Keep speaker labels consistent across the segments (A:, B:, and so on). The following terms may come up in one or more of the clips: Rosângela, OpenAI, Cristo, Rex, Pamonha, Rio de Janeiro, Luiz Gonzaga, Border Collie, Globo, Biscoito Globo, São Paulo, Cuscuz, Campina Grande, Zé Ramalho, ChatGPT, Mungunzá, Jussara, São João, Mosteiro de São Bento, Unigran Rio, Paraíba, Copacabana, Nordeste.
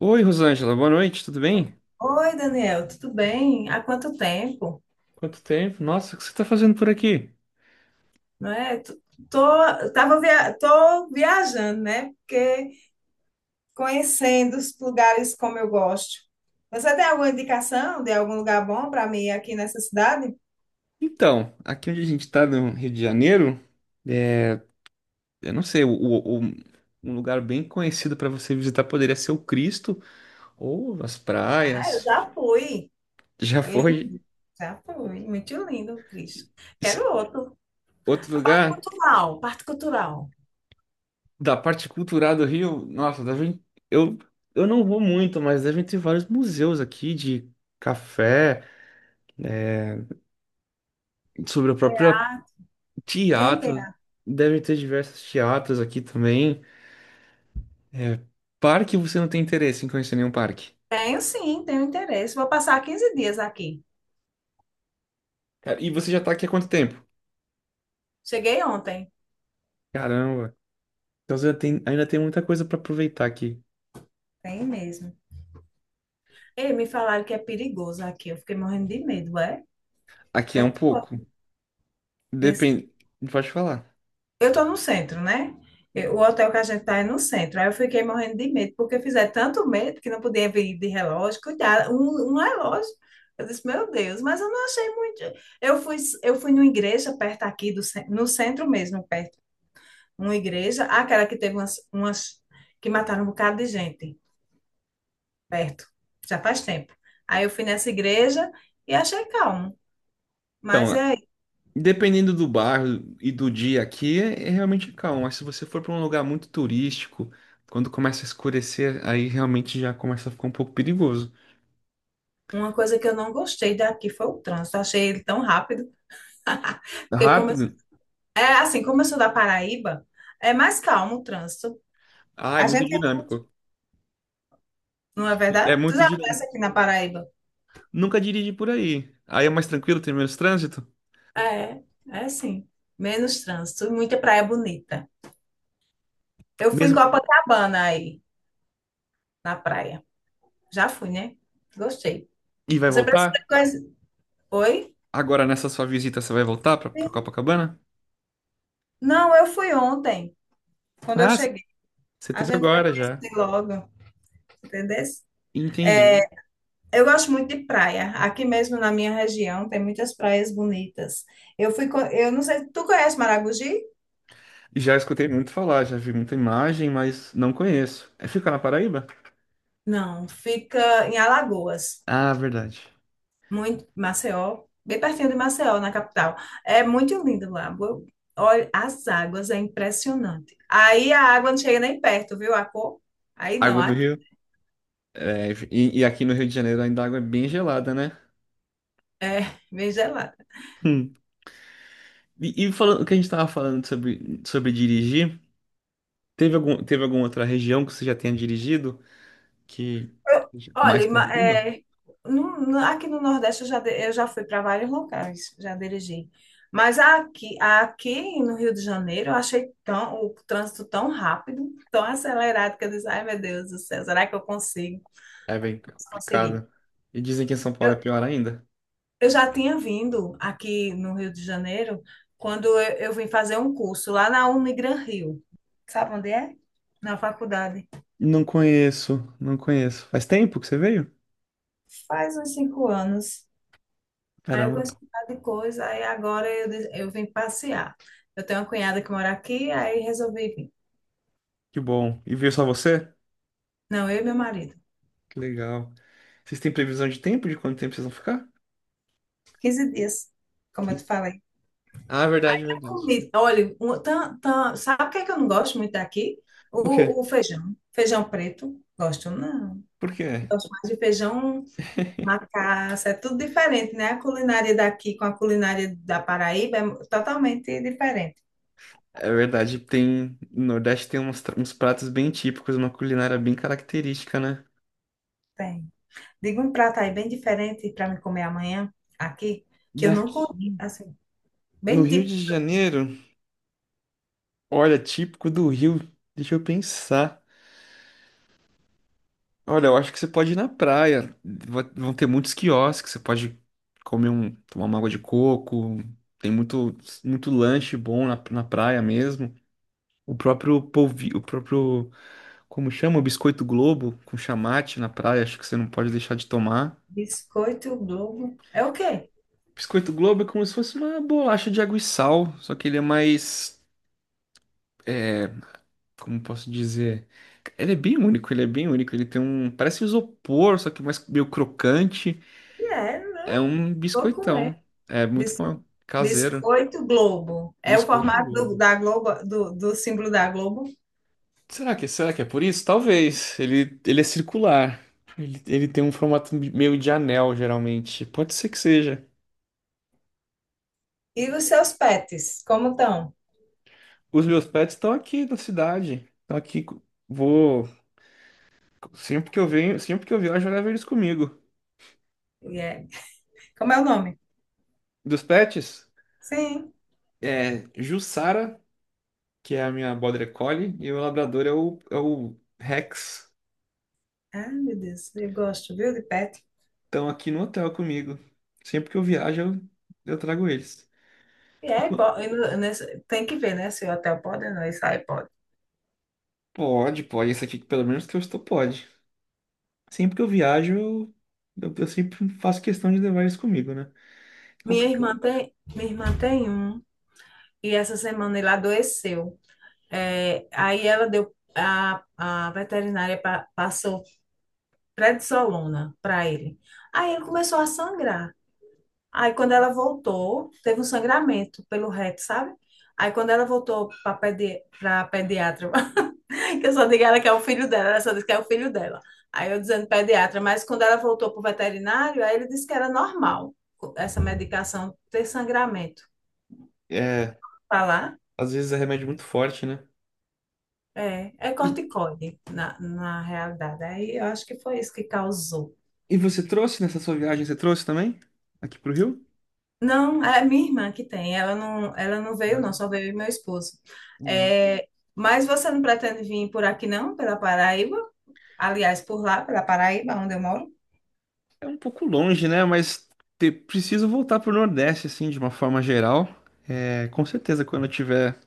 A: Oi, Rosângela, boa noite, tudo bem?
B: Oi, Daniel, tudo bem? Há quanto tempo,
A: Quanto tempo? Nossa, o que você está fazendo por aqui?
B: não é? Tô, tô viajando, né? Porque conhecendo os lugares como eu gosto. Você tem alguma indicação de algum lugar bom para mim aqui nessa cidade?
A: Então, aqui onde a gente está no Rio de Janeiro, é, eu não sei, um lugar bem conhecido para você visitar poderia ser o Cristo ou as
B: Ah, eu
A: praias.
B: já fui.
A: Já
B: É
A: foi.
B: lindo. Já fui. Muito lindo, Cristo.
A: Esse
B: Quero outro.
A: outro
B: A parte
A: lugar
B: cultural, parte cultural.
A: da parte cultural do Rio. Nossa, devem, eu eu não vou muito, mas devem ter vários museus aqui de café, sobre o próprio
B: Tem, tem.
A: teatro. Devem ter diversos teatros aqui também. É, parque, você não tem interesse em conhecer nenhum parque.
B: Tenho sim, tenho interesse. Vou passar 15 dias aqui.
A: Cara, e você já tá aqui há quanto tempo?
B: Cheguei ontem.
A: Caramba. Então você ainda tem muita coisa pra aproveitar aqui.
B: Tem mesmo. Ei, me falaram que é perigoso aqui. Eu fiquei morrendo de medo, é? O
A: Aqui
B: que
A: é
B: é
A: um
B: que
A: pouco.
B: tu- nesse-
A: Depende. Pode falar.
B: Eu tô no centro, né? O hotel que a gente tá é no centro. Aí eu fiquei morrendo de medo, porque fizeram tanto medo que não podia vir de relógio. Cuidado, um relógio. Eu disse, meu Deus, mas eu não achei muito. Eu fui, eu fui numa igreja perto aqui, no centro mesmo, perto. Uma igreja, aquela que teve umas que mataram um bocado de gente perto, já faz tempo. Aí eu fui nessa igreja e achei calmo.
A: Então,
B: Mas
A: lá,
B: é
A: dependendo do bairro e do dia aqui, é realmente calmo. Mas se você for pra um lugar muito turístico, quando começa a escurecer, aí realmente já começa a ficar um pouco perigoso.
B: Uma coisa que eu não gostei daqui foi o trânsito. Achei ele tão rápido. Porque
A: Rápido?
B: é assim, como eu sou da Paraíba, é mais calmo o trânsito.
A: Ah, é
B: A
A: muito
B: gente,
A: dinâmico.
B: não é
A: É
B: verdade? Tu
A: muito
B: já passa
A: dinâmico.
B: aqui na Paraíba?
A: Nunca dirige por aí. Aí é mais tranquilo, tem menos trânsito.
B: É, é sim. Menos trânsito, muita praia bonita. Eu fui em
A: Mesmo.
B: Copacabana aí, na praia. Já fui, né? Gostei.
A: E vai
B: Você
A: voltar?
B: precisa conhecer. Oi?
A: Agora, nessa sua visita, você vai voltar pra Copacabana?
B: Não, eu fui ontem, quando eu
A: Ah, c-
B: cheguei.
A: você
B: A
A: teve
B: gente foi
A: agora já.
B: conhecer logo, entendeu?
A: Entendi.
B: Eu gosto muito de praia. Aqui mesmo na minha região tem muitas praias bonitas. Eu fui, eu não sei, tu conhece Maragogi?
A: Já escutei muito falar, já vi muita imagem, mas não conheço. É, fica na Paraíba?
B: Não, fica em Alagoas,
A: Ah, verdade.
B: muito Maceió, bem pertinho de Maceió, na capital. É muito lindo lá. Olha, as águas é impressionante. Aí a água não chega nem perto, viu a cor? Aí não,
A: Água do
B: aqui
A: Rio? E aqui no Rio de Janeiro ainda a água é bem gelada, né?
B: é bem gelada.
A: Hum. E falando, o que a gente tava falando sobre dirigir, teve alguma outra região que você já tenha dirigido que
B: Eu- Olha,
A: mais tranquila?
B: é, aqui no Nordeste eu já fui para vários locais, já dirigi. Mas aqui no Rio de Janeiro eu achei tão, o trânsito tão rápido, tão acelerado, que eu disse, ai meu Deus do céu, será que eu consigo?
A: É bem
B: Consegui.
A: complicado. E dizem que em São Paulo é
B: Eu,
A: pior ainda.
B: eu já tinha vindo aqui no Rio de Janeiro quando eu vim fazer um curso lá na Unigran Rio. Sabe onde é? Na faculdade.
A: Não conheço, não conheço. Faz tempo que você veio?
B: Faz uns 5 anos. Aí eu
A: Caramba,
B: conheci um bocado de coisa, aí agora eu vim passear. Eu tenho uma cunhada que mora aqui, aí resolvi vir.
A: que bom. E veio só você?
B: Não, eu e meu marido.
A: Que legal. Vocês têm previsão de tempo, de quanto tempo vocês vão ficar?
B: 15 dias, como eu te
A: Que-
B: falei.
A: Ah, verdade,
B: A
A: verdade.
B: comida. Olha, sabe o que é que eu não gosto muito daqui?
A: O quê?
B: O feijão. Feijão preto. Gosto, não.
A: Por quê?
B: Gosto mais de feijão macaça. É tudo diferente, né? A culinária daqui com a culinária da Paraíba é totalmente diferente.
A: É verdade, tem. No Nordeste tem uns pratos bem típicos, uma culinária bem característica, né?
B: Tem. Diga um prato aí bem diferente para me comer amanhã aqui, que eu não
A: Daqui.
B: comi. Assim,
A: No
B: bem
A: Rio
B: tipo
A: de Janeiro, olha, típico do Rio. Deixa eu pensar. Olha, eu acho que você pode ir na praia. Vão ter muitos quiosques, você pode tomar uma água de coco. Tem muito, muito lanche bom na praia mesmo. O próprio polvilho, o próprio, como chama? O Biscoito Globo com chamate na praia, acho que você não pode deixar de tomar.
B: biscoito Globo. É o quê?
A: Biscoito Globo é como se fosse uma bolacha de água e sal, só que ele é mais, é, como posso dizer? Ele é bem único, ele é bem único. Ele tem um, parece isopor, só que mais meio crocante.
B: É,
A: É um
B: vou
A: biscoitão.
B: comer.
A: É muito
B: Bis-
A: bom. Caseiro.
B: biscoito Globo. É o
A: Biscoito
B: formato do,
A: Globo.
B: da Globo, do símbolo da Globo.
A: Será que é por isso? Talvez. Ele é circular. Ele tem um formato meio de anel, geralmente. Pode ser que seja.
B: E os seus pets, como estão?
A: Os meus pets estão aqui na cidade. Estão aqui. Vou. Sempre que eu venho, sempre que eu viajo, eu levo eles comigo.
B: E é- Como é o nome?
A: Dos pets,
B: Sim.
A: é Jussara, que é a minha Border Collie, e o meu labrador é o Rex.
B: Ai, meu Deus, eu gosto, viu, de pet.
A: Estão aqui no hotel comigo. Sempre que eu viajo, eu trago eles.
B: E é,
A: Enqu-
B: e tem que ver, né, se o hotel pode ou não, isso aí pode.
A: Pode, pode. Esse aqui, pelo menos que eu estou, pode. Sempre que eu viajo, eu sempre faço questão de levar isso comigo, né? É complicado.
B: Minha irmã tem um, e essa semana ele adoeceu. É, aí ela deu, a veterinária passou prednisolona para ele. Aí ele começou a sangrar. Aí quando ela voltou, teve um sangramento pelo reto, sabe? Aí quando ela voltou para pedi pra pediatra, que eu só digo ela que é o filho dela, ela só disse que é o filho dela. Aí eu dizendo pediatra, mas quando ela voltou para o veterinário, aí ele disse que era normal essa medicação ter sangramento.
A: É,
B: Falar?
A: às vezes é remédio muito forte, né?
B: É, é
A: E,
B: corticoide, na realidade. Aí eu acho que foi isso que causou.
A: e você trouxe nessa sua viagem, você trouxe também? Aqui pro Rio?
B: Não, é minha irmã que tem. Ela não veio, não,
A: Né?
B: só veio meu esposo.
A: É.
B: É, mas você não pretende vir por aqui, não, pela Paraíba? Aliás, por lá, pela Paraíba, onde eu moro?
A: É um pouco longe, né? Mas preciso voltar pro Nordeste, assim, de uma forma geral. É, com certeza, quando eu tiver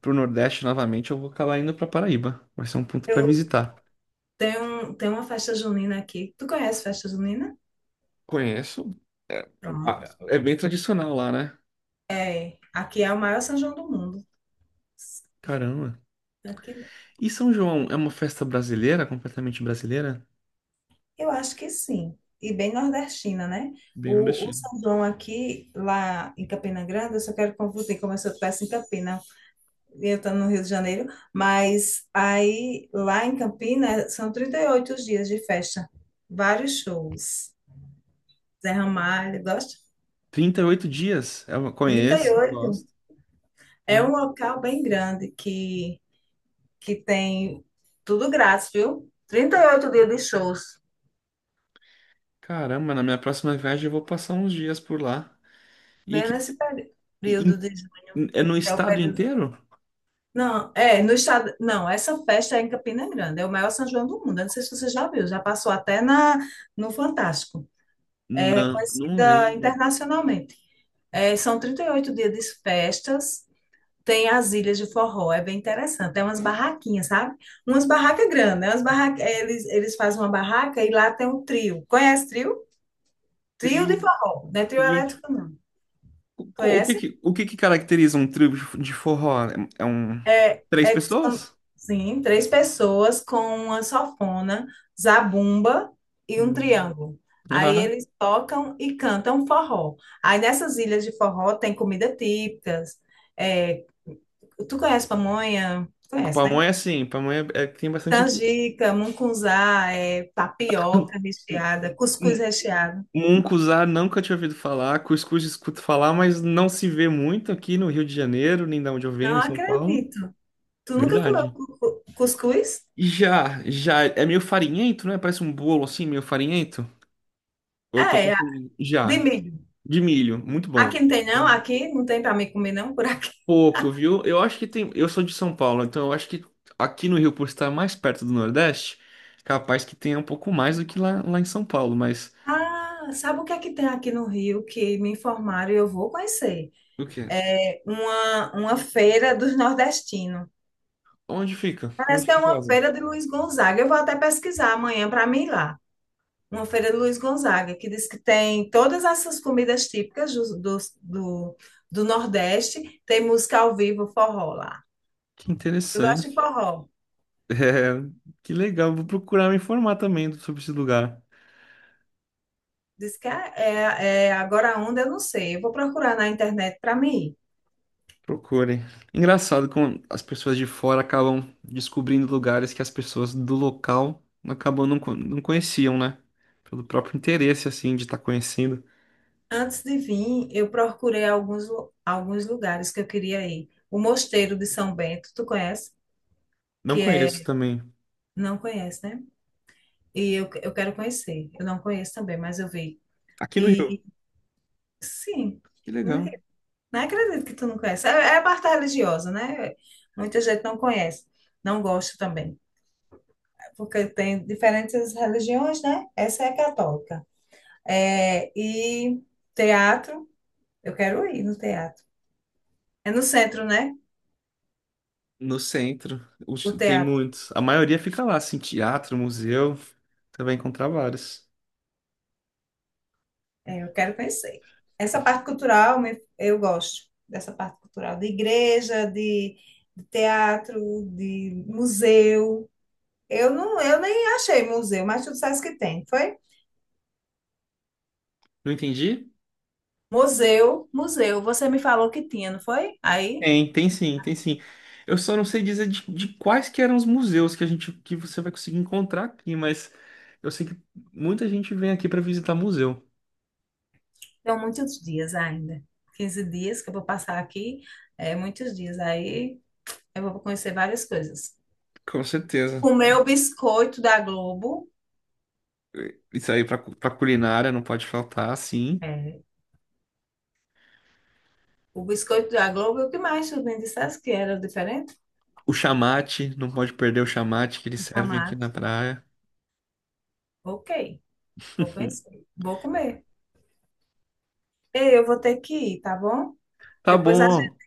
A: pro Nordeste novamente, eu vou acabar indo pra Paraíba. Vai ser um ponto pra
B: Eu
A: visitar.
B: tenho, um- tenho uma festa junina aqui. Tu conhece festa junina?
A: Conheço. É, ah,
B: Pronto.
A: é bem tradicional lá, né?
B: É, aqui é o maior São João do mundo.
A: Caramba.
B: Aqui
A: E São João é uma festa brasileira, completamente brasileira?
B: Eu acho que sim. E bem nordestina, né?
A: Bem
B: O
A: nordestino.
B: São João aqui, lá em Campina Grande, eu só quero confundir como se eu estivesse em Campina, e eu estou no Rio de Janeiro, mas aí lá em Campina são 38 dias de festa, vários shows. Zé Ramalho, gosta?
A: 38 dias. Eu conheço,
B: 38.
A: gosto.
B: É um
A: Nossa,
B: local bem grande que tem tudo grátis, viu? 38 dias de shows,
A: caramba, na minha próxima viagem eu vou passar uns dias por lá. E
B: bem
A: que
B: nesse peri-
A: e-
B: período de
A: e-
B: junho,
A: é no
B: que é o
A: estado
B: período.
A: inteiro?
B: Não, é, no estado. Não, essa festa é em Campina Grande, é o maior São João do mundo. Eu não sei se você já viu, já passou até no Fantástico. É
A: Não, não
B: reconhecida
A: lembro.
B: internacionalmente. É, são 38 dias de festas, tem as ilhas de forró, é bem interessante. Tem umas barraquinhas, sabe? Umas barracas grandes, né? Umas barraca, é, eles fazem uma barraca e lá tem um trio. Conhece trio? Trio
A: Trio,
B: de forró, não é trio
A: trio de-
B: elétrico, não. Conhece?
A: o que que caracteriza um trio de forró? É é um
B: É,
A: três
B: é, são,
A: pessoas?
B: sim, três pessoas com uma sanfona, zabumba e um
A: Hum.
B: triângulo. Aí
A: Aham.
B: eles tocam e cantam forró. Aí nessas ilhas de forró tem comida típicas. é, Tu conhece pamonha? Conhece, né?
A: Pamonha sim, pamonha é, tem bastante aqui.
B: Canjica, mungunzá, tapioca recheada, cuscuz recheado.
A: Mungunzá nunca tinha ouvido falar, cuscuz escuto falar, mas não se vê muito aqui no Rio de Janeiro, nem da onde eu venho,
B: Não
A: em São Paulo.
B: acredito. Tu nunca comeu
A: Verdade.
B: cuscuz?
A: E já, já é meio farinhento, né? Parece um bolo assim, meio farinhento. Ou eu tô
B: É,
A: confundindo?
B: de
A: Já.
B: milho.
A: De milho, muito
B: Aqui
A: bom.
B: não tem, não. Aqui não tem para mim comer, não, por aqui.
A: Pouco, viu? Eu acho que tem. Eu sou de São Paulo, então eu acho que aqui no Rio, por estar mais perto do Nordeste, capaz que tenha um pouco mais do que lá, lá em São Paulo, mas.
B: Ah, sabe o que é que tem aqui no Rio que me informaram e eu vou conhecer?
A: O quê?
B: É uma feira dos nordestinos.
A: Onde fica?
B: Parece
A: Onde
B: que é
A: que
B: uma
A: fazem?
B: feira de Luiz Gonzaga. Eu vou até pesquisar amanhã para mim ir lá. Uma feira de Luiz Gonzaga, que diz que tem todas essas comidas típicas do, do Nordeste. Tem música ao vivo, forró lá.
A: Que
B: Eu gosto de forró.
A: É, que legal, vou procurar me informar também sobre esse lugar.
B: Diz que é agora a onda, eu não sei. Eu vou procurar na internet para mim ir.
A: Procurem. Engraçado como as pessoas de fora acabam descobrindo lugares que as pessoas do local acabam não, não conheciam, né? Pelo próprio interesse, assim, de estar conhecendo.
B: Antes de vir, eu procurei alguns lugares que eu queria ir. O Mosteiro de São Bento, tu conhece?
A: Não
B: Que é,
A: conheço também.
B: não conhece, né? E eu quero conhecer. Eu não conheço também, mas eu vi.
A: Aqui no Rio.
B: E sim,
A: Que
B: não
A: legal.
B: não acredito que tu não conhece. É, é a parte religiosa, né? Muita gente não conhece, não gosta também, porque tem diferentes religiões, né? Essa é católica. É, e teatro, eu quero ir no teatro. É no centro, né?
A: No centro,
B: O
A: tem
B: teatro.
A: muitos. A maioria fica lá, assim, teatro, museu. Você vai encontrar vários.
B: É, eu quero conhecer. Essa parte cultural eu gosto, dessa parte cultural de igreja, de teatro, de museu. Eu não, eu nem achei museu, mas tu disseste que tem, foi?
A: Não entendi?
B: Museu, museu. Você me falou que tinha, não foi? Aí,
A: Tem, tem sim, tem sim. Eu só não sei dizer de quais que eram os museus que a gente que você vai conseguir encontrar aqui, mas eu sei que muita gente vem aqui para visitar museu.
B: são muitos dias ainda. 15 dias que eu vou passar aqui, é muitos dias. Aí eu vou conhecer várias coisas.
A: Com certeza.
B: Comer o biscoito da Globo.
A: Isso aí para culinária não pode faltar, sim.
B: É, o biscoito da Globo, e o que mais tu me disseste que era diferente?
A: O chamate, não pode perder o chamate que eles servem aqui na praia.
B: Ok, vou conhecer, vou comer. Ei, eu vou ter que ir, tá bom?
A: Tá
B: Depois a gente
A: bom,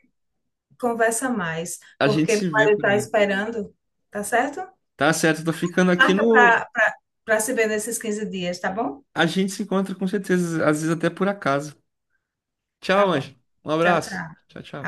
B: conversa mais,
A: a gente
B: porque meu
A: se vê
B: marido
A: por
B: está
A: aí.
B: esperando, tá certo?
A: Tá certo, tô ficando aqui
B: Marca
A: no.
B: para se ver nesses 15 dias, tá bom?
A: A gente se encontra com certeza, às vezes até por acaso.
B: Tá
A: Tchau,
B: bom.
A: Anjo. Um
B: Tchau,
A: abraço.
B: tchau.
A: Tchau, tchau.